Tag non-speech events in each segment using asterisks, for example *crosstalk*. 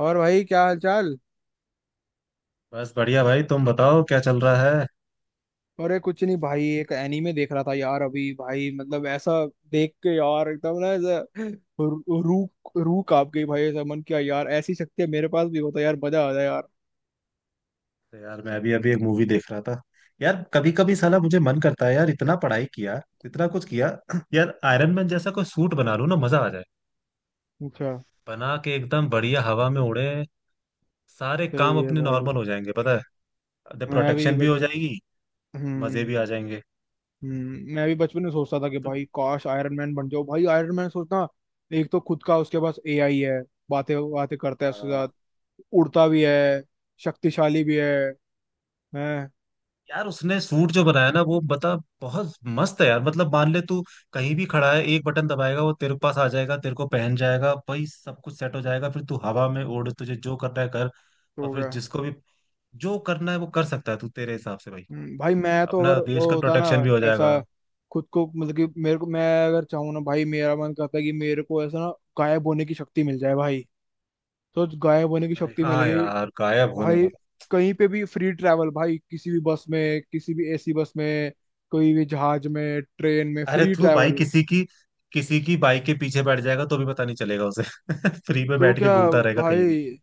और भाई क्या हाल चाल। बस बढ़िया भाई। तुम बताओ क्या चल रहा है। अरे कुछ नहीं भाई एक एनीमे देख रहा था यार अभी भाई मतलब ऐसा देख के यार एकदम ना ऐसा रू रू रू कांप गई भाई। ऐसा मन किया यार ऐसी शक्तियां मेरे पास भी होता यार मजा आ जाए यार। तो यार मैं अभी अभी एक मूवी देख रहा था। यार कभी कभी साला मुझे मन करता है, यार इतना पढ़ाई किया, इतना कुछ किया। *clears throat* यार आयरन मैन जैसा कोई सूट बना लूं ना, मजा आ जाए। अच्छा। बना के एकदम बढ़िया हवा में उड़े। सारे काम सही है अपने भाई। नॉर्मल हो जाएंगे, पता है। मैं भी प्रोटेक्शन भी हो बच। जाएगी। मजे हम्म। भी आ जाएंगे। हम्म। मैं भी बचपन में सोचता था कि भाई काश आयरन मैन बन जाओ भाई आयरन मैन सोचना। एक तो खुद का उसके पास एआई है। बातें बातें करता है तो उसके साथ। उड़ता भी है। शक्तिशाली भी है। हैं। यार उसने सूट जो बनाया ना वो बता, बहुत मस्त है यार। मतलब मान ले तू कहीं भी खड़ा है, एक बटन दबाएगा, वो तेरे पास आ जाएगा, तेरे को पहन जाएगा भाई, सब कुछ सेट हो जाएगा। फिर तू हवा में उड़, तुझे जो करना है कर। और तो फिर क्या। जिसको भी जो करना है वो कर सकता है तू तेरे हिसाब से भाई। हम्म। भाई मैं तो अगर अपना देश वो का होता ना प्रोटेक्शन भी हो ऐसा। जाएगा। खुद को मतलब कि मेरे को मैं अगर चाहूँ ना भाई मेरा मन करता है कि मेरे को ऐसा ना गायब होने की शक्ति मिल जाए भाई। तो गायब होने की अरे शक्ति मिल हाँ गई। यार, गायब होने भाई वाला। कहीं पे भी फ्री ट्रैवल भाई किसी भी बस में किसी भी एसी बस में कोई भी जहाज में ट्रेन में अरे फ्री तू भाई ट्रैवल। किसी की बाइक के पीछे बैठ जाएगा तो भी पता नहीं चलेगा उसे। *laughs* फ्री में तो बैठ के क्या घूमता रहेगा कहीं भी। भाई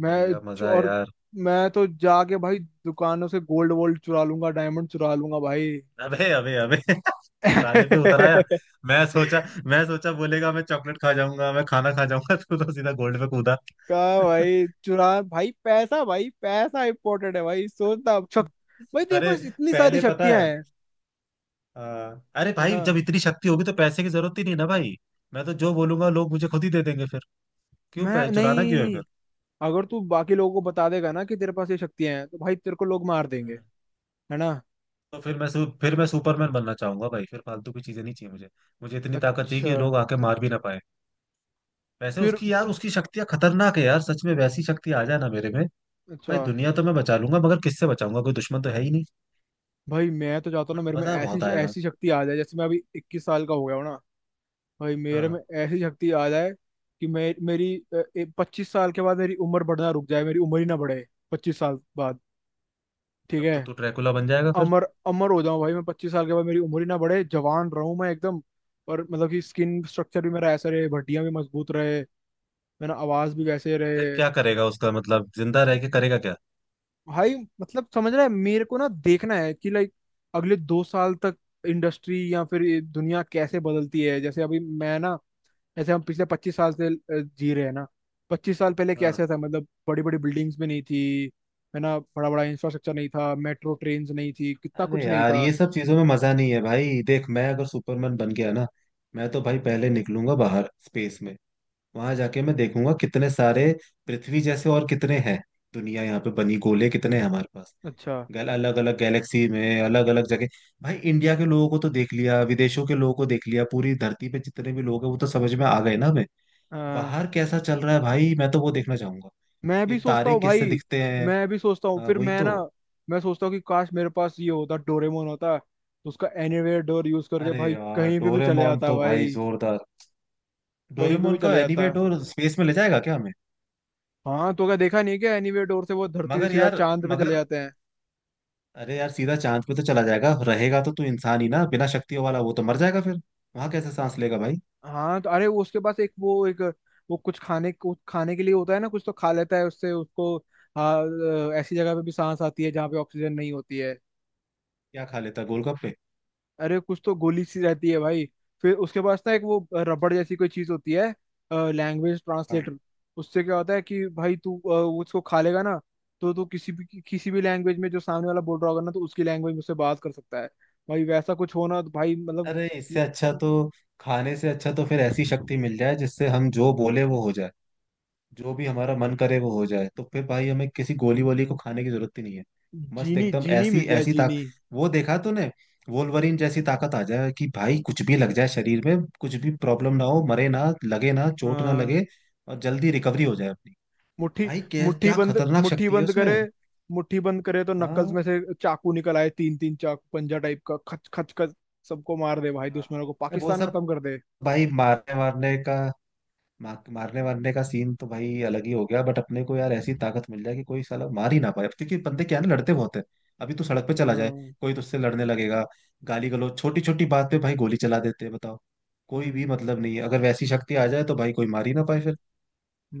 बढ़िया मजा है और यार। मैं तो जाके भाई दुकानों से गोल्ड वोल्ड चुरा लूंगा डायमंड चुरा लूंगा भाई। अबे अबे अबे। *laughs* चुराने पे उतर आया। *laughs* मैं सोचा बोलेगा मैं चॉकलेट खा जाऊंगा, मैं खाना खा जाऊंगा। *laughs* तू तो सीधा गोल्ड पे कूदा। कहा भाई चुरा भाई पैसा इम्पोर्टेंट है भाई सोचना शक। *laughs* भाई तेरे अरे पास इतनी सारी पहले पता शक्तियां है। हैं। अ, अरे है ना। भाई जब इतनी शक्ति होगी तो पैसे की जरूरत ही नहीं ना भाई। मैं तो जो बोलूंगा लोग मुझे खुद ही दे देंगे फिर। क्यों मैं चुराना क्यों है नहीं। फिर। अगर तू बाकी लोगों को बता देगा ना कि तेरे पास ये शक्तियां हैं तो भाई तेरे को लोग मार देंगे। हम्म। है ना। तो फिर मैं सुपरमैन बनना चाहूंगा भाई। फिर फालतू की चीजें नहीं चाहिए मुझे। मुझे इतनी ताकत चाहिए अच्छा। कि लोग आके मार भी ना पाए। वैसे फिर। उसकी यार उसकी शक्तियां खतरनाक है यार, सच में वैसी शक्ति आ जाए ना मेरे में। भाई अच्छा। दुनिया तो मैं बचा लूंगा मगर किससे बचाऊंगा, कोई दुश्मन तो है ही नहीं। भाई मैं तो चाहता हूँ बट ना मेरे में मजा ऐसी बहुत आएगा। ऐसी शक्ति आ जाए जैसे मैं अभी 21 साल का हो गया हूँ ना। भाई मेरे हाँ। में ऐसी शक्ति आ जाए कि मैं मेरी 25 साल के बाद मेरी उम्र बढ़ना रुक जाए मेरी उम्र ही ना बढ़े। 25 साल बाद। ठीक तब है। तो तू ड्रैकुला बन जाएगा फिर। अमर अमर हो जाऊं भाई मैं 25 साल के बाद मेरी उम्र ही ना बढ़े जवान रहूं मैं एकदम। और मतलब कि स्किन स्ट्रक्चर भी मेरा ऐसा रहे हड्डियां भी मजबूत रहे। मेरा आवाज भी वैसे फिर रहे। क्या करेगा उसका मतलब, जिंदा रह के करेगा क्या। भाई मतलब समझ रहा है मेरे को ना देखना है कि लाइक अगले 2 साल तक। इंडस्ट्री या फिर ये दुनिया कैसे बदलती है जैसे अभी मैं ना। जैसे हम पिछले 25 साल से जी रहे हैं ना। 25 साल पहले कैसे हाँ। था मतलब बड़ी बड़ी बिल्डिंग्स भी नहीं थी। है ना बड़ा बड़ा इंफ्रास्ट्रक्चर नहीं था मेट्रो ट्रेन्स नहीं थी कितना अरे कुछ नहीं यार था। ये सब चीजों में मजा नहीं है भाई। देख मैं अगर सुपरमैन बन गया ना, मैं तो भाई पहले निकलूंगा बाहर स्पेस में। वहां जाके मैं देखूंगा कितने सारे पृथ्वी जैसे और कितने हैं। दुनिया यहाँ पे बनी गोले कितने हैं हमारे पास। अच्छा। गल अलग अलग गैलेक्सी में, अलग अलग जगह। भाई इंडिया के लोगों को तो देख लिया, विदेशों के लोगों को देख लिया, पूरी धरती पे जितने भी लोग हैं वो तो समझ में आ गए ना हमें। बाहर कैसा चल रहा है भाई, मैं तो वो देखना चाहूंगा। मैं ये भी सोचता तारे हूँ किससे भाई। दिखते हैं। मैं भी सोचता हूँ हाँ, फिर वही मैं तो। ना। मैं सोचता हूँ कि काश मेरे पास ये होता डोरेमोन होता तो उसका एनीवेयर डोर यूज करके अरे भाई यार कहीं पे भी चले डोरेमोन जाता तो भाई भाई। जोरदार। कहीं पे भी डोरेमोन का चले एनीवे जाता। डोर स्पेस में ले जाएगा क्या हमें। हाँ तो क्या देखा नहीं क्या एनीवेयर डोर से वो धरती से मगर सीधा यार, चांद पे चले मगर जाते हैं। अरे यार सीधा चांद पे तो चला जाएगा, रहेगा तो तू इंसान ही ना बिना शक्तियों वाला, वो तो मर जाएगा फिर। वहां कैसे सांस लेगा भाई। हाँ तो अरे वो उसके पास एक वो कुछ खाने के लिए होता है ना कुछ तो खा लेता है उससे उसको। हाँ। ऐसी जगह पे भी सांस आती है जहाँ पे ऑक्सीजन नहीं होती है। क्या खा लेता, गोलगप्पे। अरे कुछ तो गोली सी रहती है भाई। फिर उसके पास ना एक वो रबड़ जैसी कोई चीज होती है। लैंग्वेज हाँ। ट्रांसलेटर। उससे क्या होता है कि भाई तू वो उसको खा लेगा ना। तो तू किसी भी किसी भी लैंग्वेज में जो सामने वाला बोल रहा होगा ना तो उसकी लैंग्वेज में उससे बात कर सकता है। भाई वैसा कुछ होना तो भाई मतलब। अरे इससे अच्छा तो, खाने से अच्छा तो फिर ऐसी शक्ति मिल जाए जिससे हम जो बोले वो हो जाए। जो भी हमारा मन करे वो हो जाए, तो फिर भाई हमें किसी गोली वोली को खाने की जरूरत ही नहीं है। मस्त जीनी एकदम जीनी ऐसी मिल जाए ऐसी ताक। जीनी। वो देखा तूने, वोल्वरिन जैसी ताकत आ जाए कि भाई कुछ भी लग जाए शरीर में, कुछ भी प्रॉब्लम ना हो, मरे ना, लगे ना, चोट ना हाँ। लगे। और जल्दी रिकवरी हो जाए अपनी। मुट्ठी। भाई क्या मुट्ठी क्या बंद। खतरनाक मुट्ठी शक्ति है बंद करे। उसमें। मुट्ठी बंद करे तो नक्कल्स हाँ। में से चाकू निकल आए तीन तीन चाकू पंजा टाइप का खच खच खच। सबको मार दे भाई दुश्मनों को हाँ। वो पाकिस्तान सब खत्म कर दे। भाई मारने मारने का मार, मारने वारने का सीन तो भाई अलग ही हो गया, बट अपने को यार ऐसी ताकत मिल जाए कि कोई साला मार ही ना पाए, क्योंकि बंदे क्या है ना, लड़ते बहुत है। अभी तू सड़क पे चला जाए, हाँ। कोई तुझसे लड़ने लगेगा। गाली गलौज, छोटी छोटी बात पे भाई गोली चला देते हैं बताओ। कोई भी हम्म। मतलब नहीं है, अगर वैसी शक्ति आ जाए तो भाई कोई मार ही ना पाए फिर।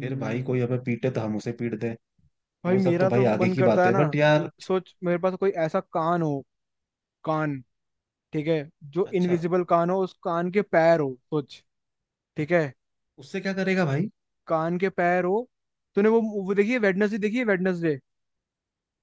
फिर भाई कोई हमें पीटे तो हम उसे पीट दें। भाई वो सब तो मेरा भाई तो आगे मन की करता बात है है ना बट यार। सोच मेरे पास कोई ऐसा कान हो। कान। ठीक है। जो अच्छा, इनविजिबल कान हो उस कान के पैर हो सोच। ठीक है। उससे क्या करेगा भाई। कान के पैर हो। तूने वो देखिए वेडनेसडे देखिए वेडनेसडे।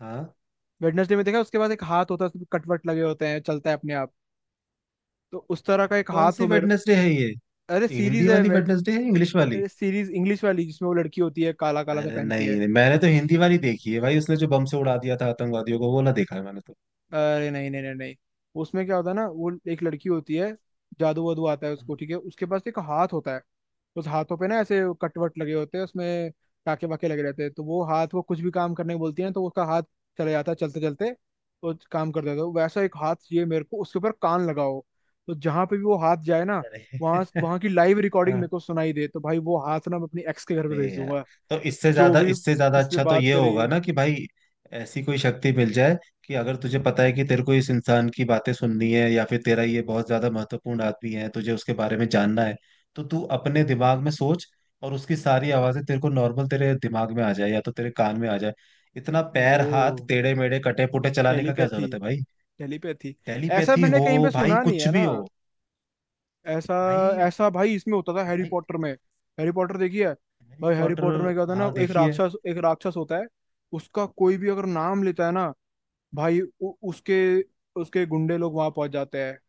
हाँ, वेडनेसडे में देखा उसके पास एक हाथ होता है उसमें कटवट लगे होते हैं चलता है अपने आप। तो उस तरह का एक कौन हाथ सी हो मेरे। वेडनेसडे है ये अरे ये हिंदी सीरीज है वाली वेडनेसडे है, इंग्लिश वाली। अरे सीरीज इंग्लिश वाली जिसमें वो लड़की होती है काला काला सा अरे पहनती नहीं है। नहीं, मैंने तो हिंदी वाली देखी है भाई, उसने जो बम से उड़ा दिया था आतंकवादियों को, वो ना देखा है मैंने तो। अरे नहीं नहीं नहीं नहीं। उसमें क्या होता है ना वो एक लड़की होती है। जादू वादू आता है उसको ठीक है उसके पास एक हाथ होता है। उस हाथों पे ना ऐसे कटवट लगे होते हैं उसमें। टाके वाके लगे रहते हैं तो वो हाथ वो कुछ भी काम करने को बोलती है ना, तो उसका हाथ चले जाता है चलते चलते। तो काम कर देता है तो वैसा एक हाथ ये मेरे को उसके ऊपर कान लगाओ। तो जहां पे भी वो हाथ जाए ना अरे। वहां *laughs* वहां की लाइव रिकॉर्डिंग मेरे हाँ, को सुनाई दे तो भाई वो हाथ ना मैं अपनी एक्स के घर पे अरे भेज यार दूंगा। तो इससे जो ज्यादा भी इससे ज्यादा किससे अच्छा तो बात ये करे। होगा ना कि भाई ऐसी कोई शक्ति मिल जाए कि अगर तुझे पता है कि तेरे को इस इंसान की बातें सुननी है, या फिर तेरा ये बहुत ज्यादा महत्वपूर्ण आदमी है, तुझे उसके बारे में जानना है, तो तू अपने दिमाग में सोच और उसकी सारी आवाजें तेरे को नॉर्मल तेरे दिमाग में आ जाए या तो तेरे कान में आ जाए। इतना पैर हाथ ओ। टेढ़े मेढ़े कटे पुटे चलाने का क्या टेलीपैथी। जरूरत है भाई। टेलीपैथी। ऐसा टेलीपैथी मैंने हो। कहीं पे भाई सुना नहीं कुछ है भी ना। हो। ऐसा। भाई। ऐसा भाई इसमें होता था हैरी भाई पॉटर में। हैरी पॉटर देखिए। हैरी भाई हैरी पॉटर। पॉटर में क्या होता है ना हाँ देखिए। एक राक्षस होता है। उसका कोई भी अगर नाम लेता है ना। भाई उसके उसके गुंडे लोग वहां पहुंच जाते हैं।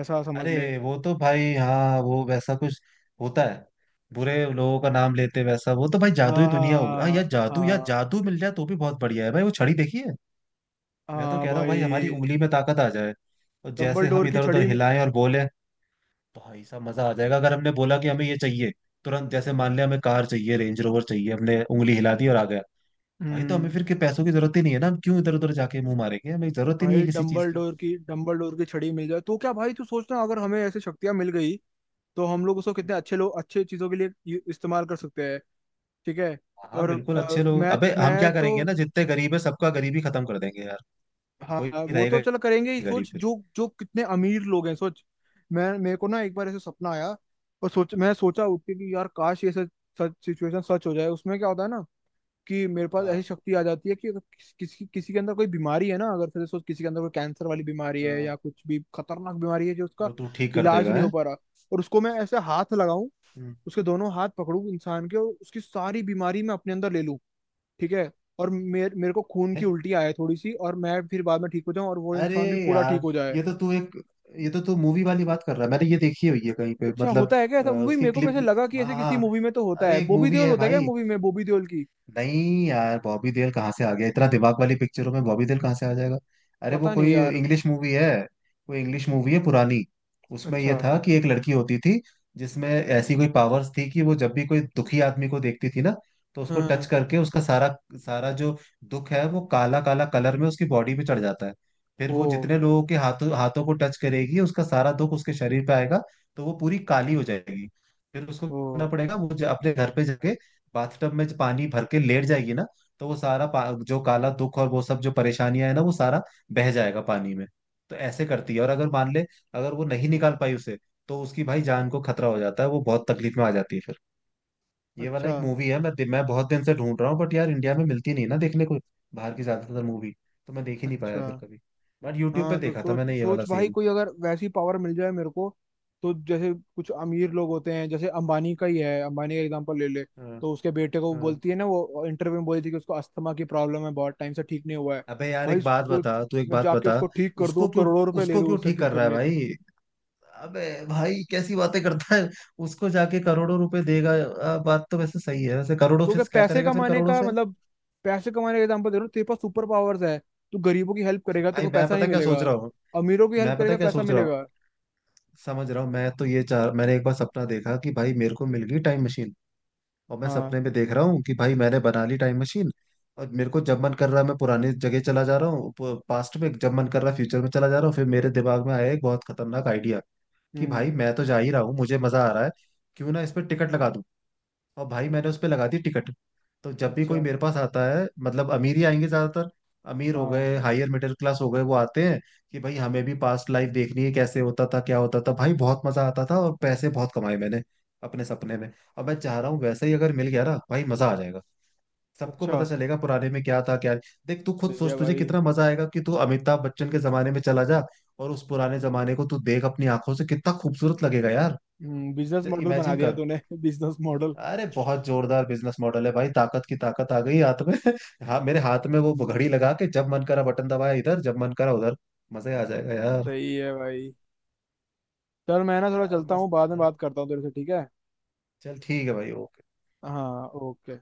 ऐसा समझ ले। अरे वो तो भाई, हाँ वो वैसा कुछ होता है, बुरे लोगों का नाम लेते वैसा, वो तो भाई जादू हाँ ही हाँ दुनिया होगी। हाँ यार हाँ जादू, यार हाँ। जादू मिल जाए तो भी बहुत बढ़िया है भाई, वो छड़ी देखिए। मैं तो हाँ कह रहा हूँ भाई हमारी भाई उंगली में ताकत आ जाए, और डम्बल जैसे हम डोर की इधर उधर छड़ी में। हिलाएं और बोले, भाई साहब मजा आ जाएगा। अगर हमने बोला कि हमें ये चाहिए, तुरंत, जैसे मान लिया हमें कार चाहिए, रेंज रोवर चाहिए, हमने उंगली हिला दी और आ गया। भाई तो हमें हम्म। फिर के पैसों की जरूरत ही नहीं है ना, हम क्यों इधर उधर जाके मुंह मारेंगे, हमें जरूरत ही नहीं है भाई किसी चीज डम्बल की। डोर की डम्बल डोर की छड़ी मिल जाए तो क्या भाई तू सोचना अगर हमें ऐसी शक्तियां मिल गई। तो हम लोग उसको कितने अच्छे लोग अच्छे चीज़ों के लिए इस्तेमाल कर सकते हैं। ठीक है। हाँ और बिल्कुल अच्छे लोग। मैं अबे हम मैं क्या तो। करेंगे ना, जितने गरीब है सबका गरीबी खत्म कर देंगे यार। हाँ कोई वो रहेगा तो चल ही करेंगे ही गरीब सोच फिर। जो जो कितने अमीर लोग हैं सोच। मैं मेरे को ना एक बार ऐसे सपना आया। और सोच मैं सोचा उठ के कि यार काश ये सच सच सिचुएशन सच हो जाए उसमें क्या होता है ना। कि मेरे पास ऐसी हाँ। शक्ति आ जाती है कि अगर किसी किसी के अंदर कोई बीमारी है ना अगर फिर सोच किसी के अंदर कोई कैंसर वाली बीमारी है या हाँ कुछ भी खतरनाक बीमारी है जो उसका वो तू ठीक कर इलाज देगा नहीं हो है। पा रहा। और उसको मैं ऐसे हाथ लगाऊं। हम्म। उसके दोनों हाथ पकड़ूं इंसान के और उसकी सारी बीमारी मैं अपने अंदर ले लूं। ठीक है। और मेरे मेरे को खून की है? उल्टी आए थोड़ी सी और मैं फिर बाद में ठीक हो जाऊं और वो अरे इंसान भी पूरा ठीक यार, हो जाए। ये तो तू एक ये तो तू मूवी वाली बात कर रहा है, मैंने ये देखी हुई है कहीं पे, अच्छा मतलब। होता है क्या ऐसा मूवी उसकी मेरे को क्लिप। वैसे लगा कि हाँ ऐसे किसी हाँ। मूवी में तो होता अरे है एक बॉबी मूवी देओल है होता है क्या भाई। मूवी में बॉबी देओल की। नहीं यार बॉबी देओल कहाँ से आ गया, इतना दिमाग वाली पिक्चरों में बॉबी देओल कहाँ से आ जाएगा। अरे वो पता नहीं कोई यार। इंग्लिश मूवी है, कोई इंग्लिश मूवी है पुरानी। उसमें ये अच्छा। था कि एक लड़की होती थी जिसमें ऐसी कोई पावर्स थी कि वो जब भी कोई दुखी आदमी को देखती थी ना, तो उसको टच हाँ। करके उसका सारा सारा जो दुख है वो काला काला कलर में उसकी बॉडी पे चढ़ जाता है। फिर ओ। वो जितने लोगों के हाथों हाथों को टच करेगी उसका सारा दुख उसके शरीर पे आएगा। तो वो पूरी काली हो जाएगी। फिर उसको ओ। करना पड़ेगा, वो अपने घर पे जाके बाथटब में जो पानी भर के लेट जाएगी ना, तो वो जो काला दुख और वो सब जो परेशानियां है ना, वो सारा बह जाएगा पानी में। तो ऐसे करती है। और अगर मान ले, अगर वो नहीं निकाल पाई उसे, तो उसकी भाई जान को खतरा हो जाता है, वो बहुत तकलीफ में आ जाती है फिर। ये वाला अच्छा। एक मूवी है, मैं बहुत दिन से ढूंढ रहा हूँ बट यार इंडिया में मिलती नहीं ना देखने को। बाहर की ज्यादातर मूवी तो मैं देख ही नहीं पाया अच्छा। फिर कभी। बट यूट्यूब पे हाँ तो देखा था सोच मैंने ये वाला सोच भाई सीन। कोई अगर वैसी पावर मिल जाए मेरे को। तो जैसे कुछ अमीर लोग होते हैं जैसे अंबानी का ही है अंबानी का एग्जांपल ले ले। हाँ तो उसके बेटे को वो हाँ। बोलती है ना वो इंटरव्यू में बोली थी कि उसको अस्थमा की प्रॉब्लम है बहुत टाइम से ठीक नहीं हुआ है। अबे यार भाई एक बात बता, सोच तू एक मैं बात जाके बता। उसको ठीक कर दूं उसको क्यों, करोड़ों रुपए ले उसको लूं क्यों उससे ठीक ठीक कर रहा है करने के। भाई। अबे भाई कैसी बातें करता है, उसको जाके करोड़ों रुपए देगा। बात तो वैसे सही है, वैसे करोड़ों तो से क्या क्या पैसे करेगा फिर कमाने करोड़ों का से। मतलब पैसे कमाने का एग्जांपल दे रहा हूँ तेरे पास सुपर पावर्स है। तू गरीबों की हेल्प करेगा तेरे भाई को पैसा नहीं मिलेगा। अमीरों की हेल्प मैं पता करेगा क्या पैसा सोच रहा हूँ, मिलेगा। समझ रहा हूँ मैं तो, ये चाह मैंने एक बार सपना देखा कि भाई मेरे को मिल गई टाइम मशीन। और मैं हाँ। सपने में देख रहा हूँ कि भाई मैंने बना ली टाइम मशीन। और मेरे को जब मन कर रहा है मैं पुरानी जगह चला जा रहा हूँ, पास्ट में। जब मन कर रहा है फ्यूचर में चला जा रहा हूँ। फिर मेरे दिमाग में आया एक बहुत खतरनाक आइडिया, कि हम्म। भाई मैं तो जा ही रहा हूँ, मुझे मजा आ रहा है, क्यों ना इस पर टिकट लगा दूं। और भाई मैंने उस पर लगा दी टिकट। तो जब भी अच्छा। कोई मेरे पास आता है, मतलब अमीर ही आएंगे ज्यादातर, अमीर हो हाँ। गए, हायर मिडिल क्लास हो गए, वो आते हैं कि भाई हमें भी पास्ट लाइफ देखनी है, कैसे होता था क्या होता था, भाई बहुत मजा आता था और पैसे बहुत कमाए मैंने अपने सपने में। अब मैं चाह रहा हूँ वैसे ही अगर मिल गया ना भाई मजा आ जाएगा। सबको अच्छा। पता चलेगा पुराने में क्या था क्या। देख तू खुद सही है सोच तुझे भाई। कितना मजा आएगा कि तू अमिताभ बच्चन के जमाने में चला जा, और उस पुराने जमाने को तू देख अपनी आंखों से, कितना खूबसूरत लगेगा यार। बिजनेस मॉडल बना इमेजिन दिया कर। तूने *laughs* बिजनेस मॉडल। अरे बहुत जोरदार बिजनेस मॉडल है भाई, ताकत की ताकत आ गई हाथ में। *laughs* हाँ, मेरे हाथ में वो हम्म, घड़ी लगा के, जब मन करा बटन दबाया इधर, जब मन करा उधर। मजे आ जाएगा यार। सही है भाई। चल मैं ना थोड़ा यार चलता मस्त हूँ बाद है में यार। बात करता हूँ तेरे से ठीक है। चल ठीक है भाई, ओके। हाँ ओके